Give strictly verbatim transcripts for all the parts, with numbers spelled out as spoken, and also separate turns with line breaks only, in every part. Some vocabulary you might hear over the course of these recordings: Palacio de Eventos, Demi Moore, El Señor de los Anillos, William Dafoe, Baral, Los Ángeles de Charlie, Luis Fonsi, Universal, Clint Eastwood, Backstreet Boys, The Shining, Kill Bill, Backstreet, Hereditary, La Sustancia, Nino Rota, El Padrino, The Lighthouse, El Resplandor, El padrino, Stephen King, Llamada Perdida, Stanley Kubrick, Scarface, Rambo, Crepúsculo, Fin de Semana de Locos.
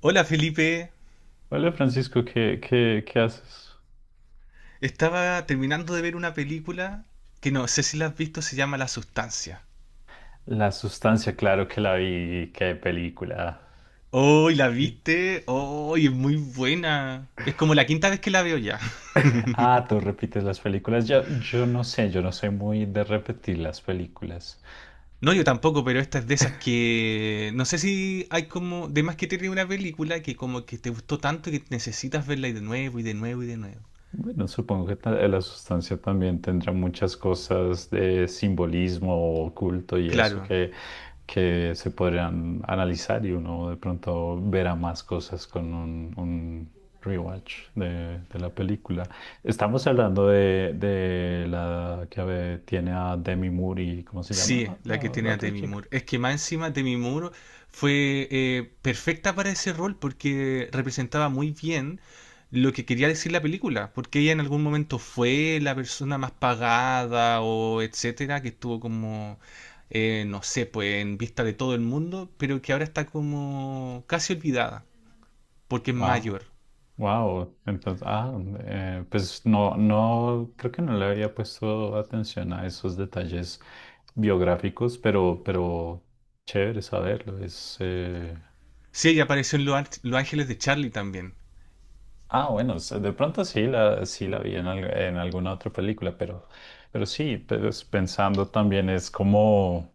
Hola Felipe,
Hola Francisco, ¿qué, qué, qué haces?
estaba terminando de ver una película que no sé si la has visto, se llama La Sustancia.
La sustancia, claro que la vi, qué película.
¡Oh, y la viste! ¡Oh, y es muy buena! Es como la quinta vez que la veo ya.
Ah, tú repites las películas. Yo, yo no sé, yo no soy muy de repetir las películas.
No, yo tampoco, pero esta es de esas que... No sé si hay como... De más que tiene una película que como que te gustó tanto que necesitas verla y de nuevo y de nuevo y de nuevo.
Bueno, supongo que ta- la sustancia también tendrá muchas cosas de simbolismo oculto y eso
Claro.
que, que se podrían analizar y uno de pronto verá más cosas con un, un rewatch de, de la película. Estamos hablando de, de la que tiene a Demi Moore y ¿cómo se llama?
Sí,
La,
la que
la
tiene a
otra
Demi
chica.
Moore. Es que más encima Demi Moore fue eh, perfecta para ese rol porque representaba muy bien lo que quería decir la película, porque ella en algún momento fue la persona más pagada o etcétera, que estuvo como, eh, no sé, pues en vista de todo el mundo, pero que ahora está como casi olvidada, porque es
Wow.
mayor.
Wow, entonces, ah, eh, pues no, no, creo que no le había puesto atención a esos detalles biográficos, pero, pero chévere saberlo. Es, eh,
Sí, ella apareció en Los Ángeles de Charlie también.
ah, bueno, s- de pronto sí la, sí la vi en, al- en alguna otra película, pero, pero sí, pues, pensando también es como,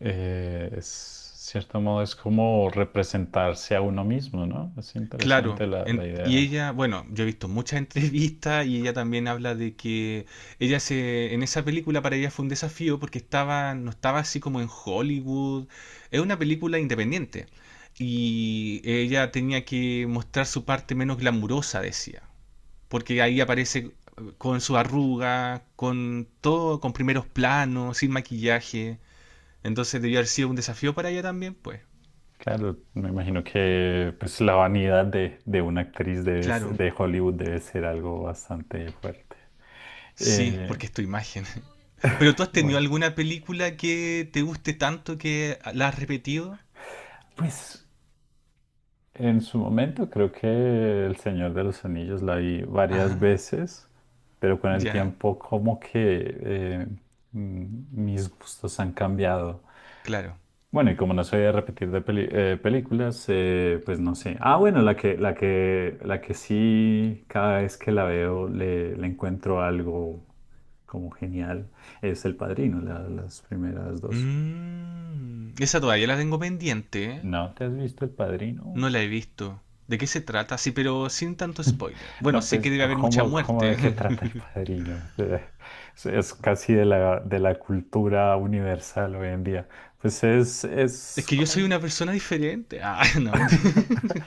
eh, es cierto modo es como representarse a uno mismo, ¿no? Es
Claro,
interesante la, la
en- y
idea.
ella, bueno, yo he visto muchas entrevistas y ella también habla de que ella se, en esa película para ella fue un desafío porque estaba, no estaba así como en Hollywood, es una película independiente y ella tenía que mostrar su parte menos glamurosa, decía, porque ahí aparece eh, con su arruga, con todo, con primeros planos, sin maquillaje, entonces debió haber sido un desafío para ella también, pues,
Claro, me imagino que pues, la vanidad de, de una actriz debe s-
claro,
de Hollywood debe ser algo bastante fuerte.
sí,
Eh,
porque es tu imagen. ¿Pero tú has tenido
bueno,
alguna película que te guste tanto que la has repetido?
pues en su momento creo que El Señor de los Anillos la vi varias
Ajá,
veces, pero con el
ya,
tiempo como que eh, mm, mis gustos han cambiado.
claro.
Bueno, y como no soy de repetir de peli- eh, películas, eh, pues no sé. Ah, bueno, la que, la que, la que sí, cada vez que la veo le, le encuentro algo como genial, es El Padrino, la- las primeras dos.
Mm, esa todavía la tengo pendiente, ¿eh?
¿No te has visto El Padrino?
No la he visto. ¿De qué se trata? Sí, pero sin tanto spoiler. Bueno,
No,
sé que
pues,
debe haber mucha
¿cómo, cómo de
muerte.
qué trata El Padrino? Es, es casi de la, de la cultura universal hoy en día. Pues es,
Es
es
que yo soy
como-
una persona diferente. Ah, no, mentira.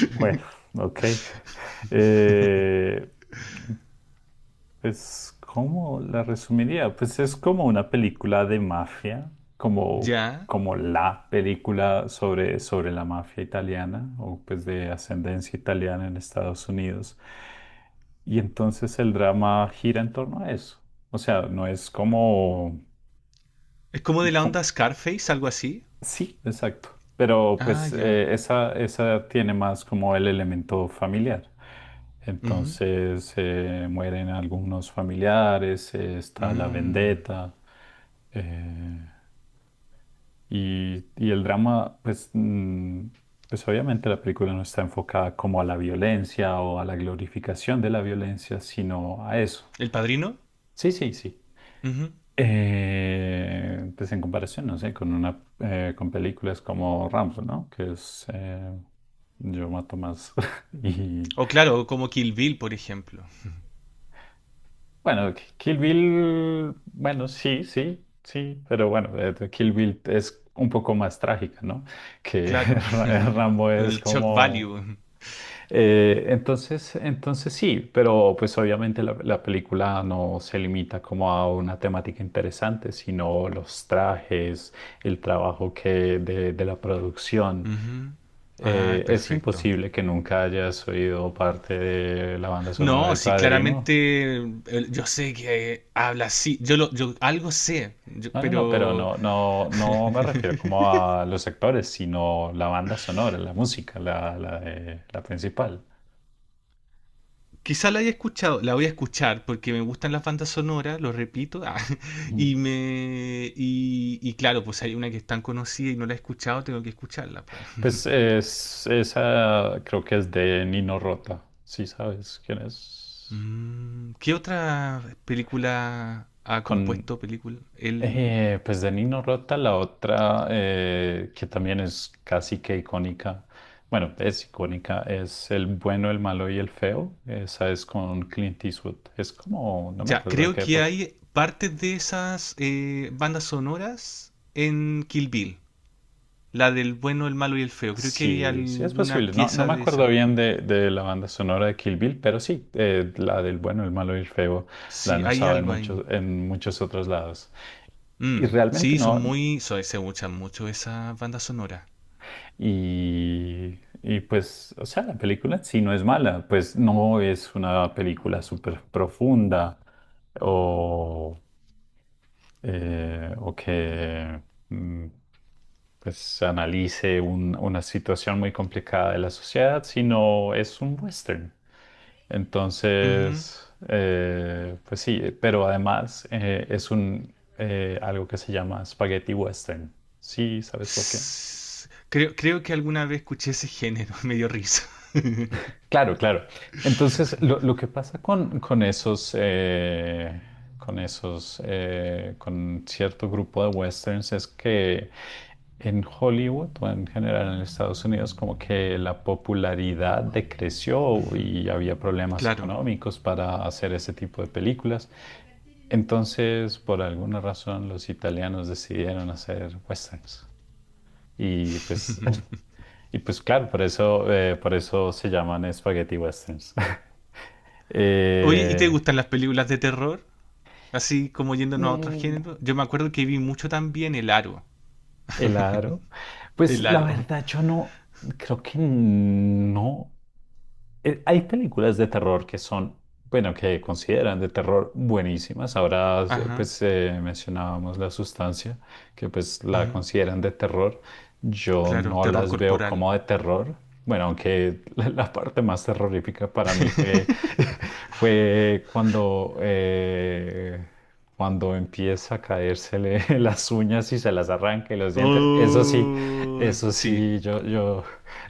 Bueno, ok. Eh, Pues, ¿cómo la resumiría? Pues es como una película de mafia, como,
Ya.
como la película sobre, sobre la mafia italiana o pues de ascendencia italiana en Estados Unidos. Y entonces el drama gira en torno a eso. O sea, no es como,
Es como de la
co-
onda Scarface, algo así.
sí, exacto. Pero
Ah,
pues
ya.
eh, esa, esa tiene más como el elemento familiar.
Ujú.
Entonces eh, mueren algunos familiares, eh, está la
Mm.
vendetta eh, y, y el drama, pues, mm, pues obviamente la película no está enfocada como a la violencia o a la glorificación de la violencia, sino a eso.
¿El padrino?
Sí, sí, sí.
Ujú.
Eh, pues en comparación, no sé, con una eh, con películas como Rambo, ¿no? Que es eh, yo mato más. Y
O claro, como Kill Bill, por ejemplo.
bueno, Ki- Kill Bill, bueno, sí, sí, sí, pero bueno, eh, Kill Bill es un poco más trágica, ¿no? Que
Claro.
Ra- Rambo es
El shock
como.
value.
Eh, entonces, entonces sí, pero pues obviamente la, la película no se limita como a una temática interesante, sino los trajes, el trabajo que de, de la producción.
Ujú. Ah,
Eh, es
perfecto.
imposible que nunca hayas oído parte de la banda sonora
No,
del
sí,
Padrino.
claramente el- yo sé que eh, habla así. Yo, lo, yo algo sé, yo-
No, no, no, pero
pero
no, no, no me refiero como a los actores, sino la banda sonora, la música, la, la, de- la principal.
quizá la haya escuchado. La voy a escuchar porque me gustan las bandas sonoras, lo repito. ah, y me y, y claro, pues hay una que es tan conocida y no la he escuchado, tengo que escucharla, pues.
Pues es, esa creo que es de Nino Rota, si sabes quién es.
Mm, ¿qué otra película ha
Con,
compuesto película él
eh, pues de Nino Rota, la otra eh, que también es casi que icónica, bueno, es icónica, es El bueno, el malo y el feo. Esa es con Clint Eastwood. Es como, no me
Ya,
acuerdo de
creo
qué
que
época.
hay partes de esas eh, bandas sonoras en Kill Bill. La del bueno, el malo y el feo. Creo que hay
Sí, sí es
alguna
posible. No, no
pieza
me
de
acuerdo
esa.
bien de, de la banda sonora de Kill Bill, pero sí, eh, la del bueno, el malo y el feo la
Sí,
han
hay
usado en
algo ahí.
muchos, en muchos otros lados. Y
Mm,
realmente
sí, son
no.
muy... so- se usan mucho esas bandas sonoras.
Y, y pues, o sea, la película en sí no es mala, pues no es una película súper profunda o... eh, o que mm, pues analice un- una situación muy complicada de la sociedad, sino es un western.
Ujú.
Entonces, eh, pues sí, eh, pero además eh, es un eh, algo que se llama spaghetti western. Sí, ¿sabes por qué?
S- Creo, creo que alguna vez escuché ese género, me dio risa.
Claro, claro. Entonces, lo, lo que pasa con, con esos, eh, con esos, eh, con cierto grupo de westerns es que en Hollywood o en general en Estados Unidos, como que la popularidad decreció
Ujú,
y había problemas
claro.
económicos para hacer ese tipo de películas. Entonces, por alguna razón, los italianos decidieron hacer westerns. Y pues, y pues claro, por eso, eh, por eso se llaman espagueti westerns.
Oye, ¿y te
Eh,
gustan las películas de terror? Así como yéndonos a otros géneros. Yo me acuerdo que vi mucho también El Aro.
El aro. Pues
El
la
Aro.
verdad, yo no, creo que no. Eh, Hay películas de terror que son, bueno, que consideran de terror buenísimas. Ahora,
Ajá.
pues eh, mencionábamos La Sustancia, que pues la
Ujú.
consideran de terror. Yo
Claro,
no
terror
las veo
corporal.
como de terror. Bueno, aunque la, la parte más terrorífica para mí fue, fue cuando... eh, cuando empieza a caérsele las uñas y se las arranca y los dientes, eso sí,
Oh,
eso
sí.
sí, yo, yo,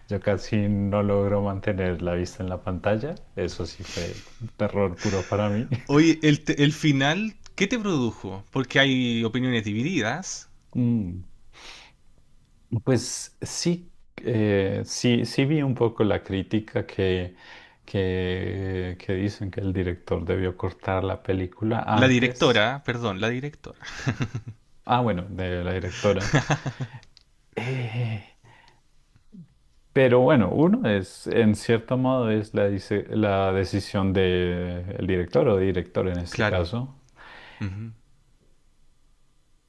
yo casi no logro mantener la vista en la pantalla. Eso sí fue terror puro para mí.
Oye, el, te- el final, ¿qué te produjo? Porque hay opiniones divididas.
Mm, pues sí, eh, sí, sí vi un poco la crítica que, que, que dicen que el director debió cortar la película
La
antes.
directora, perdón, la directora.
Ah, bueno, de la directora. Eh, Pero bueno, uno es, en cierto modo, es la, dice- la decisión del director o director en este
Claro.
caso.
Ujú.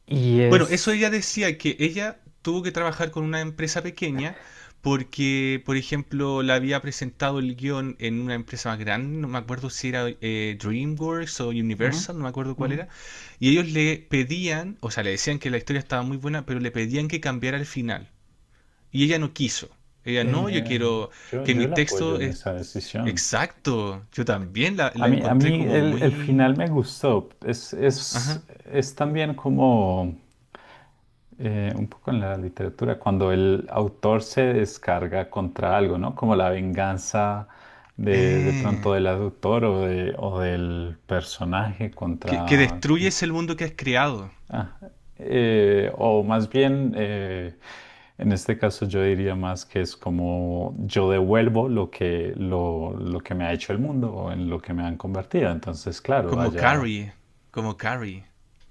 Y
Bueno, eso
es,
ella decía que ella tuvo que trabajar con una empresa pequeña porque, por ejemplo, la había presentado el guión en una empresa más grande, no me acuerdo si era eh, DreamWorks o
ujú,
Universal, no me acuerdo
ujú.
cuál era, y ellos le pedían, o sea, le decían que la historia estaba muy buena, pero le pedían que cambiara el final. Y ella no quiso. Ella, no, yo
eh,
quiero
yo,
que mi
yo la apoyo
texto
en
es
esa decisión.
exacto. Yo también la,
A
la
mí, a
encontré
mí
como
el, el
muy...
final me gustó. Es,
Ajá.
es, es también como... eh, un poco en la literatura, cuando el autor se descarga contra algo, ¿no? Como la venganza de, de pronto
Eh,
del autor o, de, o del personaje
que, que
contra... contra-
destruyes el mundo que has creado.
ah, eh, o más bien, eh, en este caso yo diría más que es como yo devuelvo lo que, lo, lo que me ha hecho el mundo o en lo que me han convertido. Entonces, claro,
Como
allá,
Carrie. Como Carrie.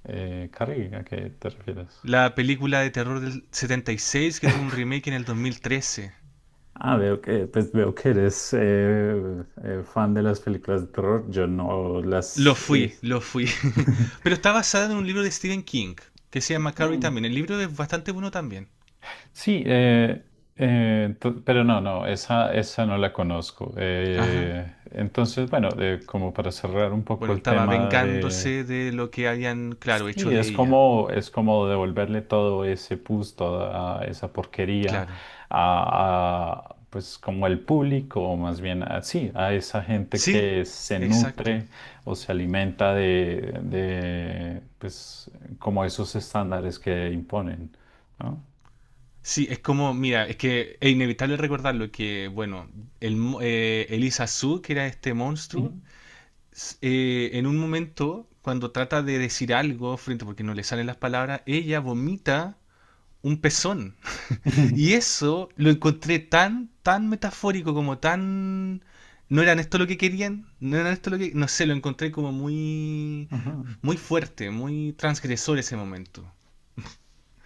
eh, Carrie, ¿a qué te refieres?
La película de terror del setenta y seis que tuvo un remake en el dos mil trece.
Ah, veo que, pues veo que eres eh, eh, fan de las películas de terror. Yo no
Lo
las he
fui,
visto.
lo fui. Pero está basada en un libro de Stephen King, que se llama Carrie
Mm,
también. El libro es bastante bueno también.
sí, eh, eh, to- pero no, no, esa, esa no la conozco.
Ajá.
Eh, entonces, bueno, eh, como para cerrar un poco
Bueno,
el
estaba
tema de
vengándose de lo que habían, claro,
sí,
hecho de
es
ella.
como, es como devolverle todo ese pus, toda esa porquería
Claro.
a, a, pues como el público, o más bien a, sí, a esa gente
Sí,
que se
exacto.
nutre o se alimenta de, de pues como esos estándares que imponen, ¿no?
Sí, es como, mira, es que es inevitable recordarlo que, bueno, el, mo- eh, Elisa Su, que era este
Ujú.
monstruo, s- eh, en un momento, cuando trata de decir algo frente, porque no le salen las palabras, ella vomita un pezón. Y eso lo encontré tan, tan metafórico, como tan... No eran esto lo que querían, no eran esto lo que... No sé, lo encontré como muy,
Ajá.
muy fuerte, muy transgresor ese momento.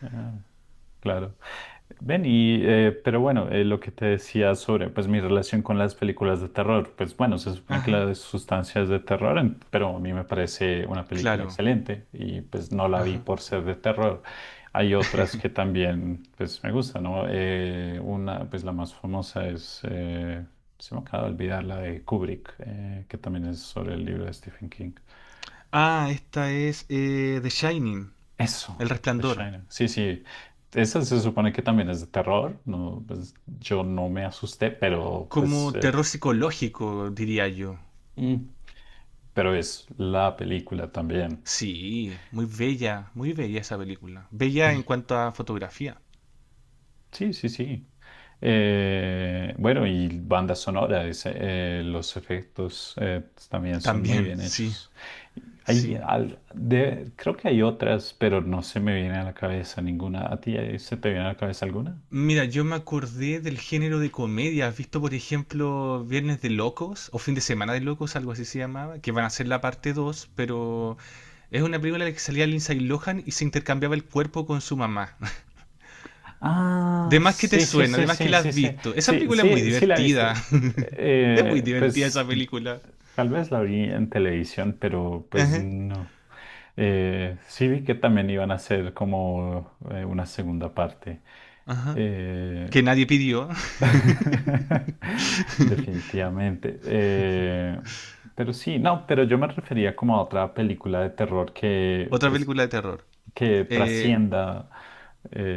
Ah, claro. Ven, y eh, pero bueno, eh, lo que te decía sobre pues mi relación con las películas de terror, pues bueno, se supone que la
Ajá,
de sustancia es de terror, en- pero a mí me parece una película
claro.
excelente y pues no la vi
Ajá.
por ser de terror. Hay otras que también pues me gustan, ¿no? Eh, una, pues la más famosa es, eh, se me acaba de olvidar la de Kubrick, eh, que también es sobre el libro de Stephen King.
Ah, esta es eh, The Shining, El
Eso, The
Resplandor.
Shining. Sí, sí. Esa se supone que también es de terror. No, pues yo no me asusté, pero pues
Como terror
es-
psicológico, diría yo.
mm, pero es la película también.
Sí, muy bella, muy bella esa película. Bella en
Y-
cuanto a fotografía.
Sí, sí, sí. Eh, bueno, y banda sonora, ese, eh, los efectos eh, pues, también son muy
También,
bien
sí,
hechos. Hay
sí.
al- de- creo que hay otras, pero no se me viene a la cabeza ninguna. ¿A ti eh, se te viene a la cabeza alguna?
Mira, yo me acordé del género de comedia. ¿Has visto, por ejemplo, Viernes de Locos o Fin de Semana de Locos, algo así se llamaba? Que van a ser la parte dos, pero es una película en la que salía Lindsay Lohan y se intercambiaba el cuerpo con su mamá.
Ah,
De más que te
sí, sí,
suena,
sí,
de más que
sí,
la
sí,
has
sí,
visto. Esa
sí,
película es muy
sí, sí la he visto.
divertida. Es muy
Eh,
divertida
pues
esa película.
tal vez la vi en televisión, pero pues
Ajá.
no. Eh, sí vi que también iban a hacer como eh, una segunda parte.
Ajá.
Eh,
Que nadie pidió.
Definitivamente. Eh, pero sí, no, pero yo me refería como a otra película de terror que,
Otra
pues,
película de terror.
que
Eh,
trascienda.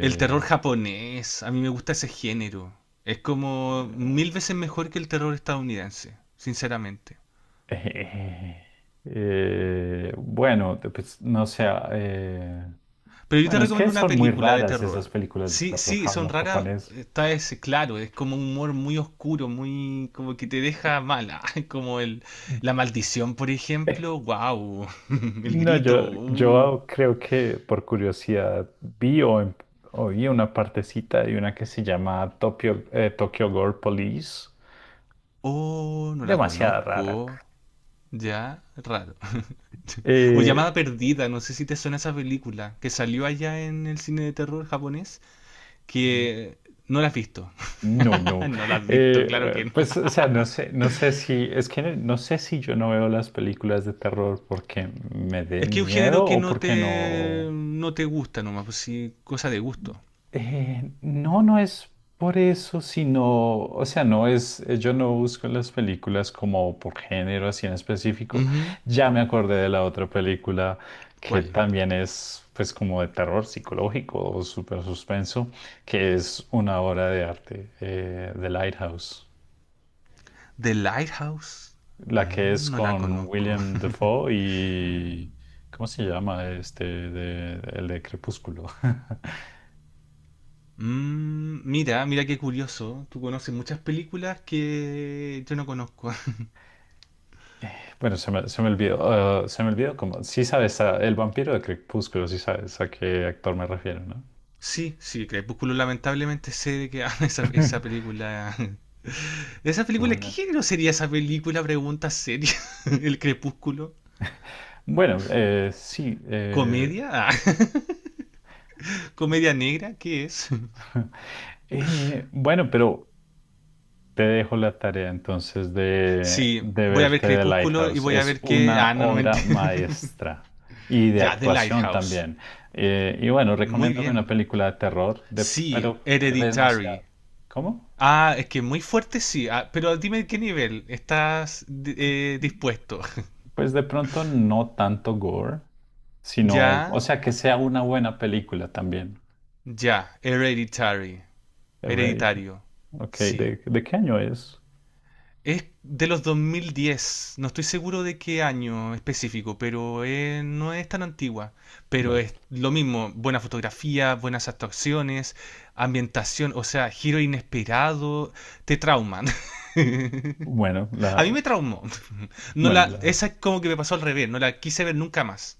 el terror japonés. A mí me gusta ese género. Es como mil veces mejor que el terror estadounidense, sinceramente.
Eh, eh, bueno, te- pues no sé. eh,
Pero yo te
bueno, es que
recomiendo una
son muy
película de
raras esas
terror.
películas de
Sí,
terror
sí, son
jap-
raras,
japonés.
está ese, claro, es como un humor muy oscuro, muy como que te deja mala, como el la maldición, por
Eh,
ejemplo, wow, el
No,
grito,
yo,
uh.
yo creo que por curiosidad vi o, em- oí una partecita de una que se llama Tokyo, eh, Tokyo Gore Police.
Oh, no la
Demasiado rara.
conozco, ya, raro. O
Eh,
Llamada Perdida, no sé si te suena esa película que salió allá en el cine de terror japonés, que no la has visto.
No, no.
No la has visto, claro
Eh,
que no.
pues, o sea, no sé, no sé si, es que no sé si yo no veo las películas de terror porque me
Es que
den
es un género
miedo
que
o
no
porque no.
te, no te gusta nomás, pues sí, cosa de gusto.
Eh, no, no es por eso, sino, o sea, no es, eh, yo no busco las películas como por género así en específico.
Ujú.
Ya me acordé de la otra película que
¿Cuál?
también es, pues, como de terror psicológico o super suspenso, que es una obra de arte, eh, The Lighthouse.
The Lighthouse.
La que es
Mm, no la
con
conozco.
William Dafoe y... ¿Cómo se llama este? de- el de Crepúsculo.
Mm, mira, mira qué curioso. Tú conoces muchas películas que yo no conozco.
Bueno, se me, se me olvidó. Eh, se me olvidó como... Sí sabes, a- el vampiro de Crepúsculo, sí sabes a qué actor me refiero, ¿no?
Sí, sí, Crepúsculo lamentablemente sé de qué habla esa, esa película. ¿Esa
No,
película? ¿Qué
la-
género sería esa película? Pregunta seria. ¿El Crepúsculo?
bueno, eh, sí. Eh,
¿Comedia? Ah, ¿Comedia negra? ¿Qué es?
eh, bueno, pero... Te dejo la tarea entonces de,
Sí,
de
voy a ver
verte The
Crepúsculo y
Lighthouse.
voy a
Es
ver qué...
una
Ah, no, no
obra
mentira.
maestra y de
Ya, The
actuación
Lighthouse.
también. Eh, y bueno,
Muy
recomiéndame una
bien.
película de terror, de,
Sí,
pero tal vez no sea...
Hereditary.
¿Cómo?
Ah, es que muy fuerte sí. Ah, pero dime qué nivel estás eh, dispuesto.
Pues de pronto no tanto gore, sino, o
Ya,
sea, que sea una buena película también.
ya, Hereditary.
Hereditary.
Hereditario.
Ok,
Sí.
¿de, de qué año es?
Es de los dos mil diez no estoy seguro de qué año específico, pero eh, no es tan antigua. Pero
Vale.
es lo mismo, buena fotografía, buenas actuaciones, ambientación, o sea, giro inesperado, te trauman.
Bueno,
A mí me
la,
traumó. No
bueno,
la,
la,
esa es como que me pasó al revés, no la quise ver nunca más.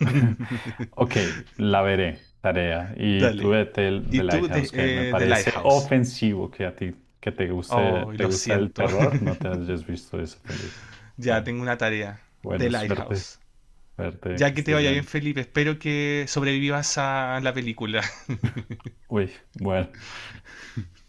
Ok, la veré, tarea. Y tú
Dale.
vete el- The
¿Y tú de,
Lighthouse, que me
eh, The
parece
Lighthouse?
ofensivo que a ti que te guste,
Oh,
te
lo
gusta el
siento,
terror, no te hayas visto esa película.
ya
Bueno,
tengo una tarea. The
bueno, suerte,
Lighthouse.
suerte, que
Ya que te
estés
vaya bien,
bien.
Felipe. Espero que sobrevivas a la película.
Uy, bueno.